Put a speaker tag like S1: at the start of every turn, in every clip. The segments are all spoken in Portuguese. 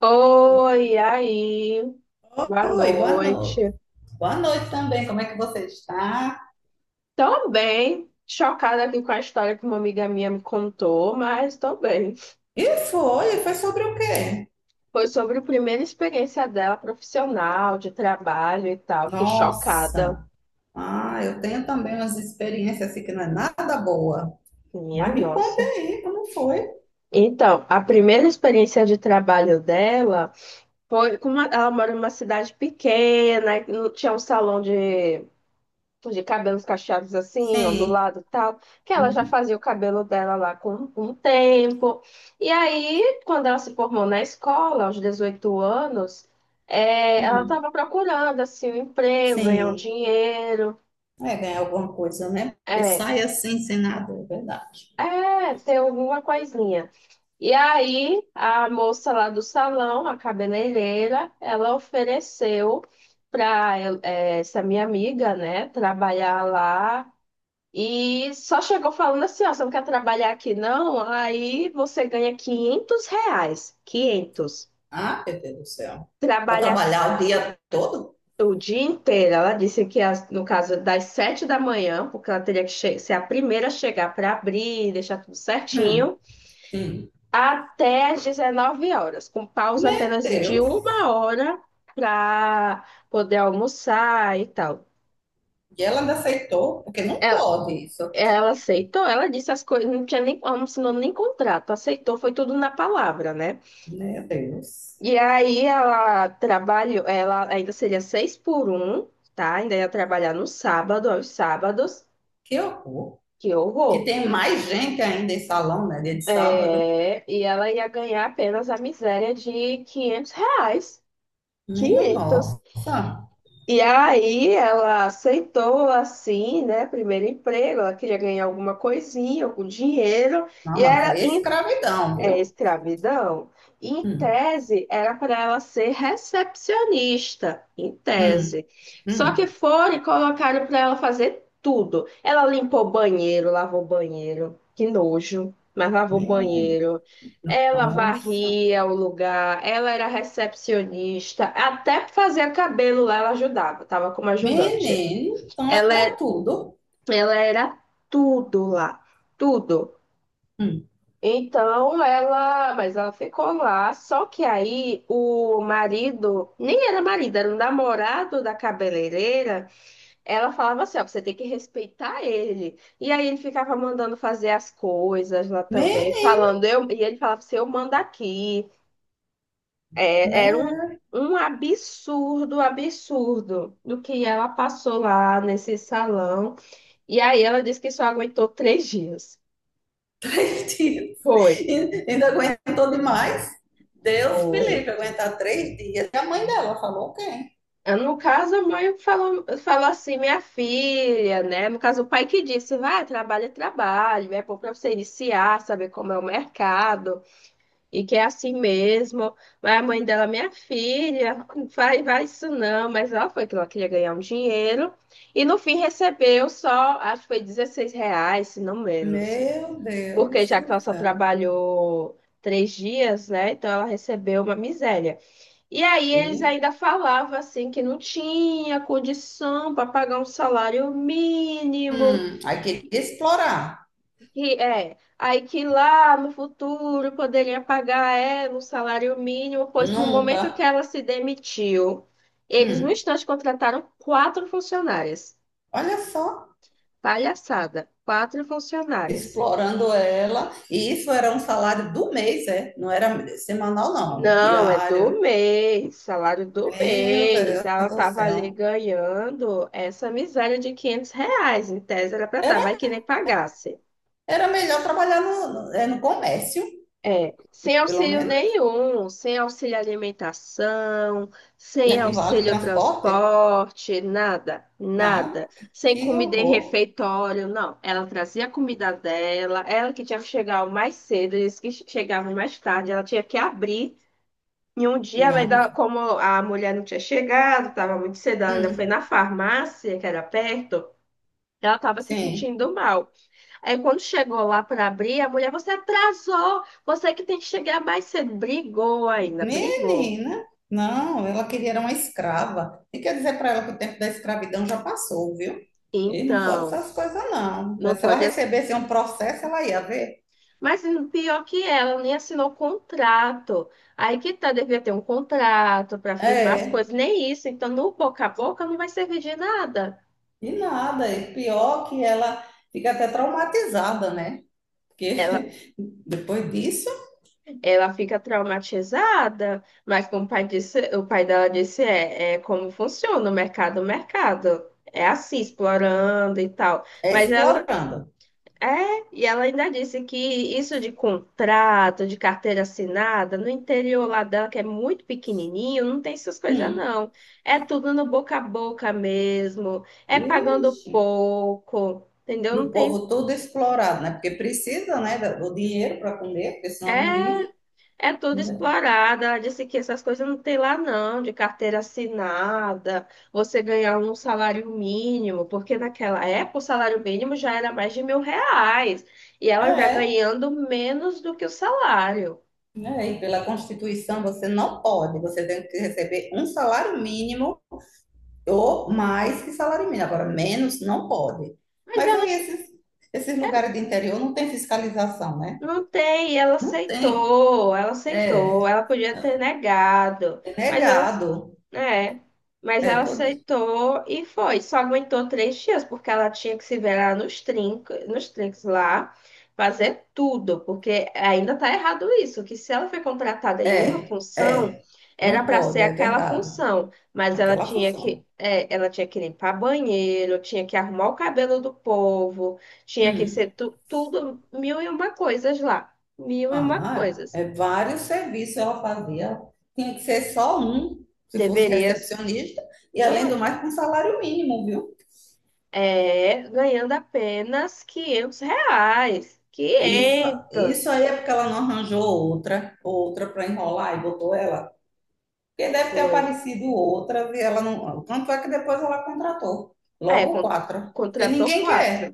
S1: Oi, e aí, boa
S2: Oi, boa noite.
S1: noite.
S2: Boa noite também. Como é que você está?
S1: Tô bem, chocada aqui com a história que uma amiga minha me contou, mas tô bem.
S2: E foi sobre o quê?
S1: Foi sobre a primeira experiência dela profissional, de trabalho e tal. Fiquei chocada.
S2: Nossa. Ah, eu tenho também umas experiências assim que não é nada boa.
S1: Minha
S2: Mas me conta
S1: nossa.
S2: aí, como foi?
S1: Então, a primeira experiência de trabalho dela foi com uma, ela mora numa cidade pequena, não tinha um salão de tipo, de cabelos cacheados assim,
S2: Sim.
S1: ondulado e tal, que ela já
S2: Uhum.
S1: fazia o cabelo dela lá com, um tempo. E aí, quando ela se formou na escola, aos 18 anos, é, ela
S2: Hum.
S1: estava procurando assim, um emprego, ganhar um
S2: Sim.
S1: dinheiro,
S2: É ganhar alguma coisa, né? Porque
S1: é,
S2: sai assim sem nada, é verdade.
S1: é, ter alguma coisinha. E aí, a moça lá do salão, a cabeleireira, ela ofereceu para essa minha amiga, né, trabalhar lá. E só chegou falando assim, ó, você não quer trabalhar aqui não? Aí você ganha R$ 500, 500.
S2: Ah, meu Deus do céu. Para
S1: Trabalha
S2: trabalhar o dia todo?
S1: o dia inteiro. Ela disse que no caso das 7 da manhã, porque ela teria que ser a primeira a chegar para abrir, deixar tudo
S2: Hum,
S1: certinho,
S2: sim.
S1: até as 19 horas, com pausa
S2: Meu
S1: apenas de
S2: Deus.
S1: uma hora para poder almoçar e tal.
S2: E ela ainda aceitou, porque não
S1: É,
S2: pode isso.
S1: ela aceitou, ela disse as coisas, não tinha nem, ela não assinou nem contrato, aceitou, foi tudo na palavra, né?
S2: Meu Deus.
S1: E aí ela trabalhou, ela ainda seria seis por um, tá? Ainda ia trabalhar no sábado, aos sábados,
S2: Que horror!
S1: que
S2: Que
S1: horror.
S2: tem mais gente ainda em salão, né? Dia de sábado.
S1: É, e ela ia ganhar apenas a miséria de R$ 500,
S2: Minha
S1: quinhentos.
S2: nossa!
S1: E aí ela aceitou, assim, né? Primeiro emprego, ela queria ganhar alguma coisinha, algum dinheiro,
S2: Não,
S1: e
S2: mas isso
S1: era.
S2: aí é escravidão,
S1: É
S2: viu?
S1: escravidão. Em
S2: Hum,
S1: tese, era para ela ser recepcionista, em
S2: hum,
S1: tese. Só que
S2: hum.
S1: foram e colocaram para ela fazer tudo. Ela limpou banheiro, lavou banheiro, que nojo, mas lavou
S2: Minha
S1: banheiro. Ela
S2: nossa!
S1: varria o lugar, ela era recepcionista, até fazer cabelo lá ela ajudava, estava como ajudante.
S2: Menino, então
S1: Ela,
S2: era
S1: é-
S2: tudo.
S1: ela era tudo lá, tudo.
S2: Hum.
S1: Então ela, mas ela ficou lá, só que aí o marido, nem era marido, era o namorado da cabeleireira. Ela falava assim: ó, você tem que respeitar ele. E aí ele ficava mandando fazer as coisas lá também,
S2: Menino,
S1: falando, e ele falava assim: eu mando aqui. É, era um,
S2: né?
S1: um absurdo, absurdo do que ela passou lá nesse salão. E aí ela disse que só aguentou 3 dias.
S2: Três dias.
S1: Foi.
S2: E- ainda aguentou demais. Deus me
S1: Foi.
S2: livre, aguentar três dias. E a mãe dela falou quem?
S1: Ah, no caso, a mãe falou, falou assim, minha filha, né? No caso, o pai que disse, vai, trabalho, é bom para você iniciar, saber como é o mercado, e que é assim mesmo. Mas a mãe dela, minha filha, não vai, vai isso não, mas ela foi que ela queria ganhar um dinheiro, e no fim recebeu só, acho que foi R$ 16, se não menos,
S2: Meu
S1: porque
S2: Deus
S1: já que
S2: do
S1: ela só
S2: céu.
S1: trabalhou 3 dias, né? Então ela recebeu uma miséria. E aí eles
S2: Hum.
S1: ainda falavam assim que não tinha condição para pagar um salário mínimo,
S2: Hum. Aí queria explorar.
S1: que é, aí que lá no futuro poderia pagar ela um salário mínimo, pois no momento que
S2: Nunca.
S1: ela se demitiu, eles no
S2: Hum,
S1: instante contrataram quatro funcionárias.
S2: Olha só,
S1: Palhaçada, quatro funcionárias.
S2: explorando ela. E isso era um salário do mês, é? Não era semanal, não,
S1: Não, é
S2: diário.
S1: do mês, salário do
S2: Meu
S1: mês.
S2: Deus
S1: Ela
S2: do
S1: tava ali
S2: céu.
S1: ganhando essa miséria de R$ 500. Em tese era para estar,
S2: Era,
S1: vai que nem pagasse.
S2: era melhor trabalhar no, é, no comércio,
S1: É, sem
S2: pelo
S1: auxílio
S2: menos,
S1: nenhum, sem auxílio alimentação, sem
S2: né? E vale
S1: auxílio
S2: transporte?
S1: transporte, nada, nada.
S2: Nada.
S1: Sem
S2: Que
S1: comida em
S2: horror.
S1: refeitório, não. Ela trazia a comida dela, ela que tinha que chegar mais cedo, eles que chegavam mais tarde, ela tinha que abrir. E um dia ela
S2: Não, meu
S1: ainda,
S2: filho.
S1: como a mulher não tinha chegado, estava muito cedo, ela ainda foi
S2: Hum,
S1: na farmácia, que era perto, ela estava se
S2: sim.
S1: sentindo mal. Aí quando chegou lá para abrir, a mulher, você atrasou, você que tem que chegar mais cedo. Brigou ainda, brigou.
S2: Menina, não, ela queria era uma escrava. E quer dizer para ela que o tempo da escravidão já passou, viu? E não pode
S1: Então,
S2: essas coisas, não.
S1: não
S2: Se ela
S1: pode.
S2: recebesse um processo, ela ia ver.
S1: Mas pior que ela, nem assinou contrato. Aí que tá, devia ter um contrato para firmar as
S2: É,
S1: coisas, nem isso. Então, no boca a boca não vai servir de nada.
S2: e nada. E pior que ela fica até traumatizada, né? Porque
S1: Ela
S2: depois disso
S1: Ela fica traumatizada, mas como o pai disse, o pai dela disse, é, é como funciona o mercado, o mercado. É assim, explorando e tal.
S2: é
S1: Mas ela
S2: explorando.
S1: é, e ela ainda disse que isso de contrato, de carteira assinada, no interior lá dela, que é muito pequenininho, não tem essas coisas
S2: Hum.
S1: não. É tudo no boca a boca mesmo, é pagando
S2: Vixe.
S1: pouco, entendeu?
S2: E
S1: Não
S2: o povo
S1: tem.
S2: todo explorado, né? Porque precisa, né, do dinheiro para comer, porque senão não vive.
S1: É. É tudo
S2: Né?
S1: explorada. Ela disse que essas coisas não tem lá, não, de carteira assinada, você ganhar um salário mínimo, porque naquela época o salário mínimo já era mais de R$ 1.000, e ela ainda
S2: É,
S1: ganhando menos do que o salário.
S2: né? E pela Constituição você não pode, você tem que receber um salário mínimo ou mais que salário mínimo, agora menos não pode.
S1: Mas
S2: Mas
S1: ela.
S2: aí esses lugares de interior não tem fiscalização, né?
S1: Não tem, e ela
S2: Não tem.
S1: aceitou, ela aceitou,
S2: É,
S1: ela podia ter negado,
S2: é
S1: mas ela, ace-
S2: negado.
S1: é, mas
S2: É,
S1: ela
S2: pode.
S1: aceitou e foi, só aguentou 3 dias, porque ela tinha que se ver lá nos trincos, nos trinques lá, fazer tudo, porque ainda tá errado isso, que se ela foi contratada em uma
S2: É,
S1: função,
S2: é.
S1: era
S2: Não
S1: para ser
S2: pode, é
S1: aquela
S2: verdade.
S1: função, mas ela
S2: Aquela
S1: tinha
S2: função.
S1: que, é, ela tinha que limpar banheiro, tinha que arrumar o cabelo do povo, tinha que
S2: Hum.
S1: ser tudo, mil e uma coisas lá. Mil e uma
S2: Ah,
S1: coisas.
S2: é vários serviços ela fazia. Tinha que ser só um, se fosse
S1: Deverias,
S2: recepcionista, e além do
S1: pô,
S2: mais, com salário mínimo, viu?
S1: é, ganhando apenas R$ 500.
S2: Isso, isso
S1: Quinhentos.
S2: aí é porque ela não arranjou outra para enrolar e botou ela. Porque deve ter
S1: Foi.
S2: aparecido outra e ela não. Tanto é que depois ela contratou.
S1: É,
S2: Logo quatro. Porque
S1: contratou
S2: ninguém
S1: quatro.
S2: quer.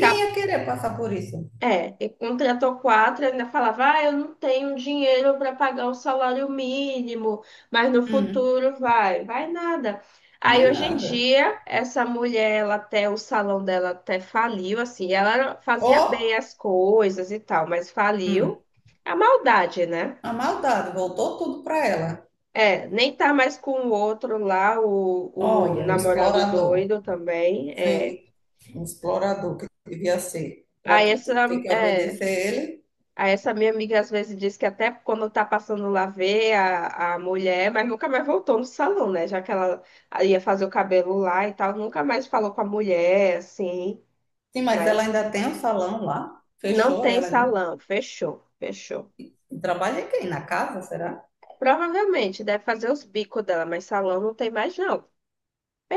S1: Tá.
S2: ia querer passar por isso.
S1: É, e contratou quatro, ainda falava, ah, eu não tenho dinheiro para pagar o salário mínimo, mas no
S2: Hum,
S1: futuro vai, vai nada.
S2: não
S1: Aí
S2: é
S1: hoje em
S2: nada.
S1: dia, essa mulher, ela até, o salão dela até faliu, assim, ela fazia bem
S2: Ó,
S1: as coisas e tal, mas
S2: hum,
S1: faliu a maldade, né?
S2: a maldade voltou tudo para ela.
S1: É, nem tá mais com o outro lá, o
S2: Olha, o
S1: namorado
S2: explorador.
S1: doido também, é.
S2: Sim, um explorador que devia ser. Para
S1: Aí essa,
S2: ter que
S1: é,
S2: obedecer ele.
S1: Aí essa minha amiga às vezes diz que até quando tá passando lá vê a mulher, mas nunca mais voltou no salão, né? Já que ela ia fazer o cabelo lá e tal, nunca mais falou com a mulher, assim.
S2: Sim, mas
S1: Mas
S2: ela ainda tem o salão lá.
S1: não
S2: Fechou,
S1: tem
S2: ela ainda.
S1: salão, fechou, fechou.
S2: Quem trabalha em quem? Na casa, será?
S1: Provavelmente deve fazer os bicos dela, mas salão não tem mais não.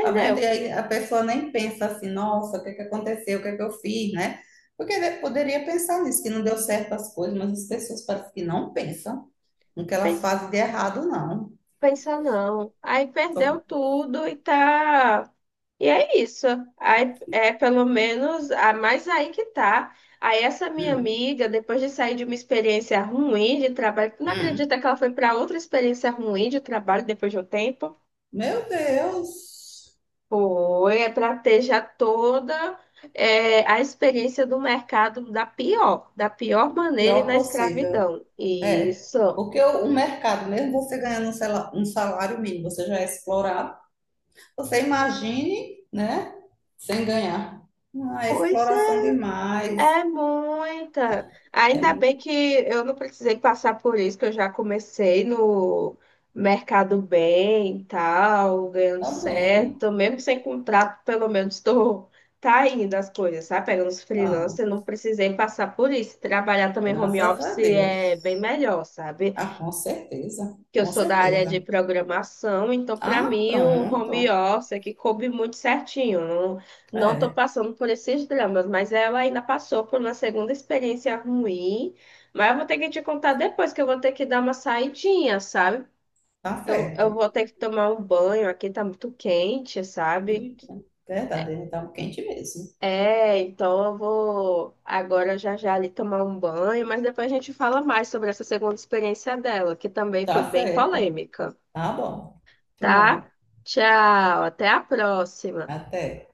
S2: Tá vendo? E aí a pessoa nem pensa assim, nossa, o que que aconteceu? O que que eu fiz, né? Porque ele poderia pensar nisso, que não deu certo as coisas, mas as pessoas parecem que não pensam no que elas
S1: pensa,
S2: fazem de errado, não.
S1: pensa não. Aí perdeu
S2: Só-
S1: tudo e tá. E é isso. Aí, é pelo menos, a mais aí que tá. Aí essa minha
S2: hum,
S1: amiga, depois de sair de uma experiência ruim de trabalho, tu não
S2: hum.
S1: acredita que ela foi para outra experiência ruim de trabalho depois de um tempo?
S2: Meu Deus!
S1: Foi, é para ter já toda a experiência do mercado da pior maneira e
S2: Pior
S1: na
S2: possível.
S1: escravidão.
S2: É.
S1: Isso.
S2: Porque o mercado, mesmo você ganhando um sala- um salário mínimo, você já é explorado. Você imagine, né? Sem ganhar. Ah, é
S1: Pois é.
S2: exploração demais.
S1: É muita. Ainda
S2: É.
S1: bem que eu não precisei passar por isso, que eu já comecei no mercado bem e tal, ganhando
S2: Tá bem.
S1: certo, mesmo sem contrato, pelo menos estou tá indo as coisas, sabe? Pegando os freelancers,
S2: Ah,
S1: eu não precisei passar por isso. Trabalhar também home
S2: graças a
S1: office
S2: Deus.
S1: é bem melhor, sabe?
S2: Ah, com certeza,
S1: Que eu
S2: com
S1: sou da área de
S2: certeza.
S1: programação, então para
S2: Ah,
S1: mim o home
S2: pronto.
S1: office é que coube muito certinho. Não, não estou
S2: É,
S1: passando por esses dramas, mas ela ainda passou por uma segunda experiência ruim, mas eu vou ter que te contar depois que eu vou ter que dar uma saidinha, sabe?
S2: tá
S1: Eu
S2: certo.
S1: vou ter que tomar um banho, aqui tá muito quente, sabe?
S2: Eita, verdade, ele tá quente mesmo.
S1: É, então eu vou agora já já ali tomar um banho, mas depois a gente fala mais sobre essa segunda experiência dela, que também foi
S2: Tá
S1: bem
S2: certo.
S1: polêmica.
S2: Tá bom.
S1: Tá?
S2: Tchau.
S1: Tchau, até a próxima.
S2: Até.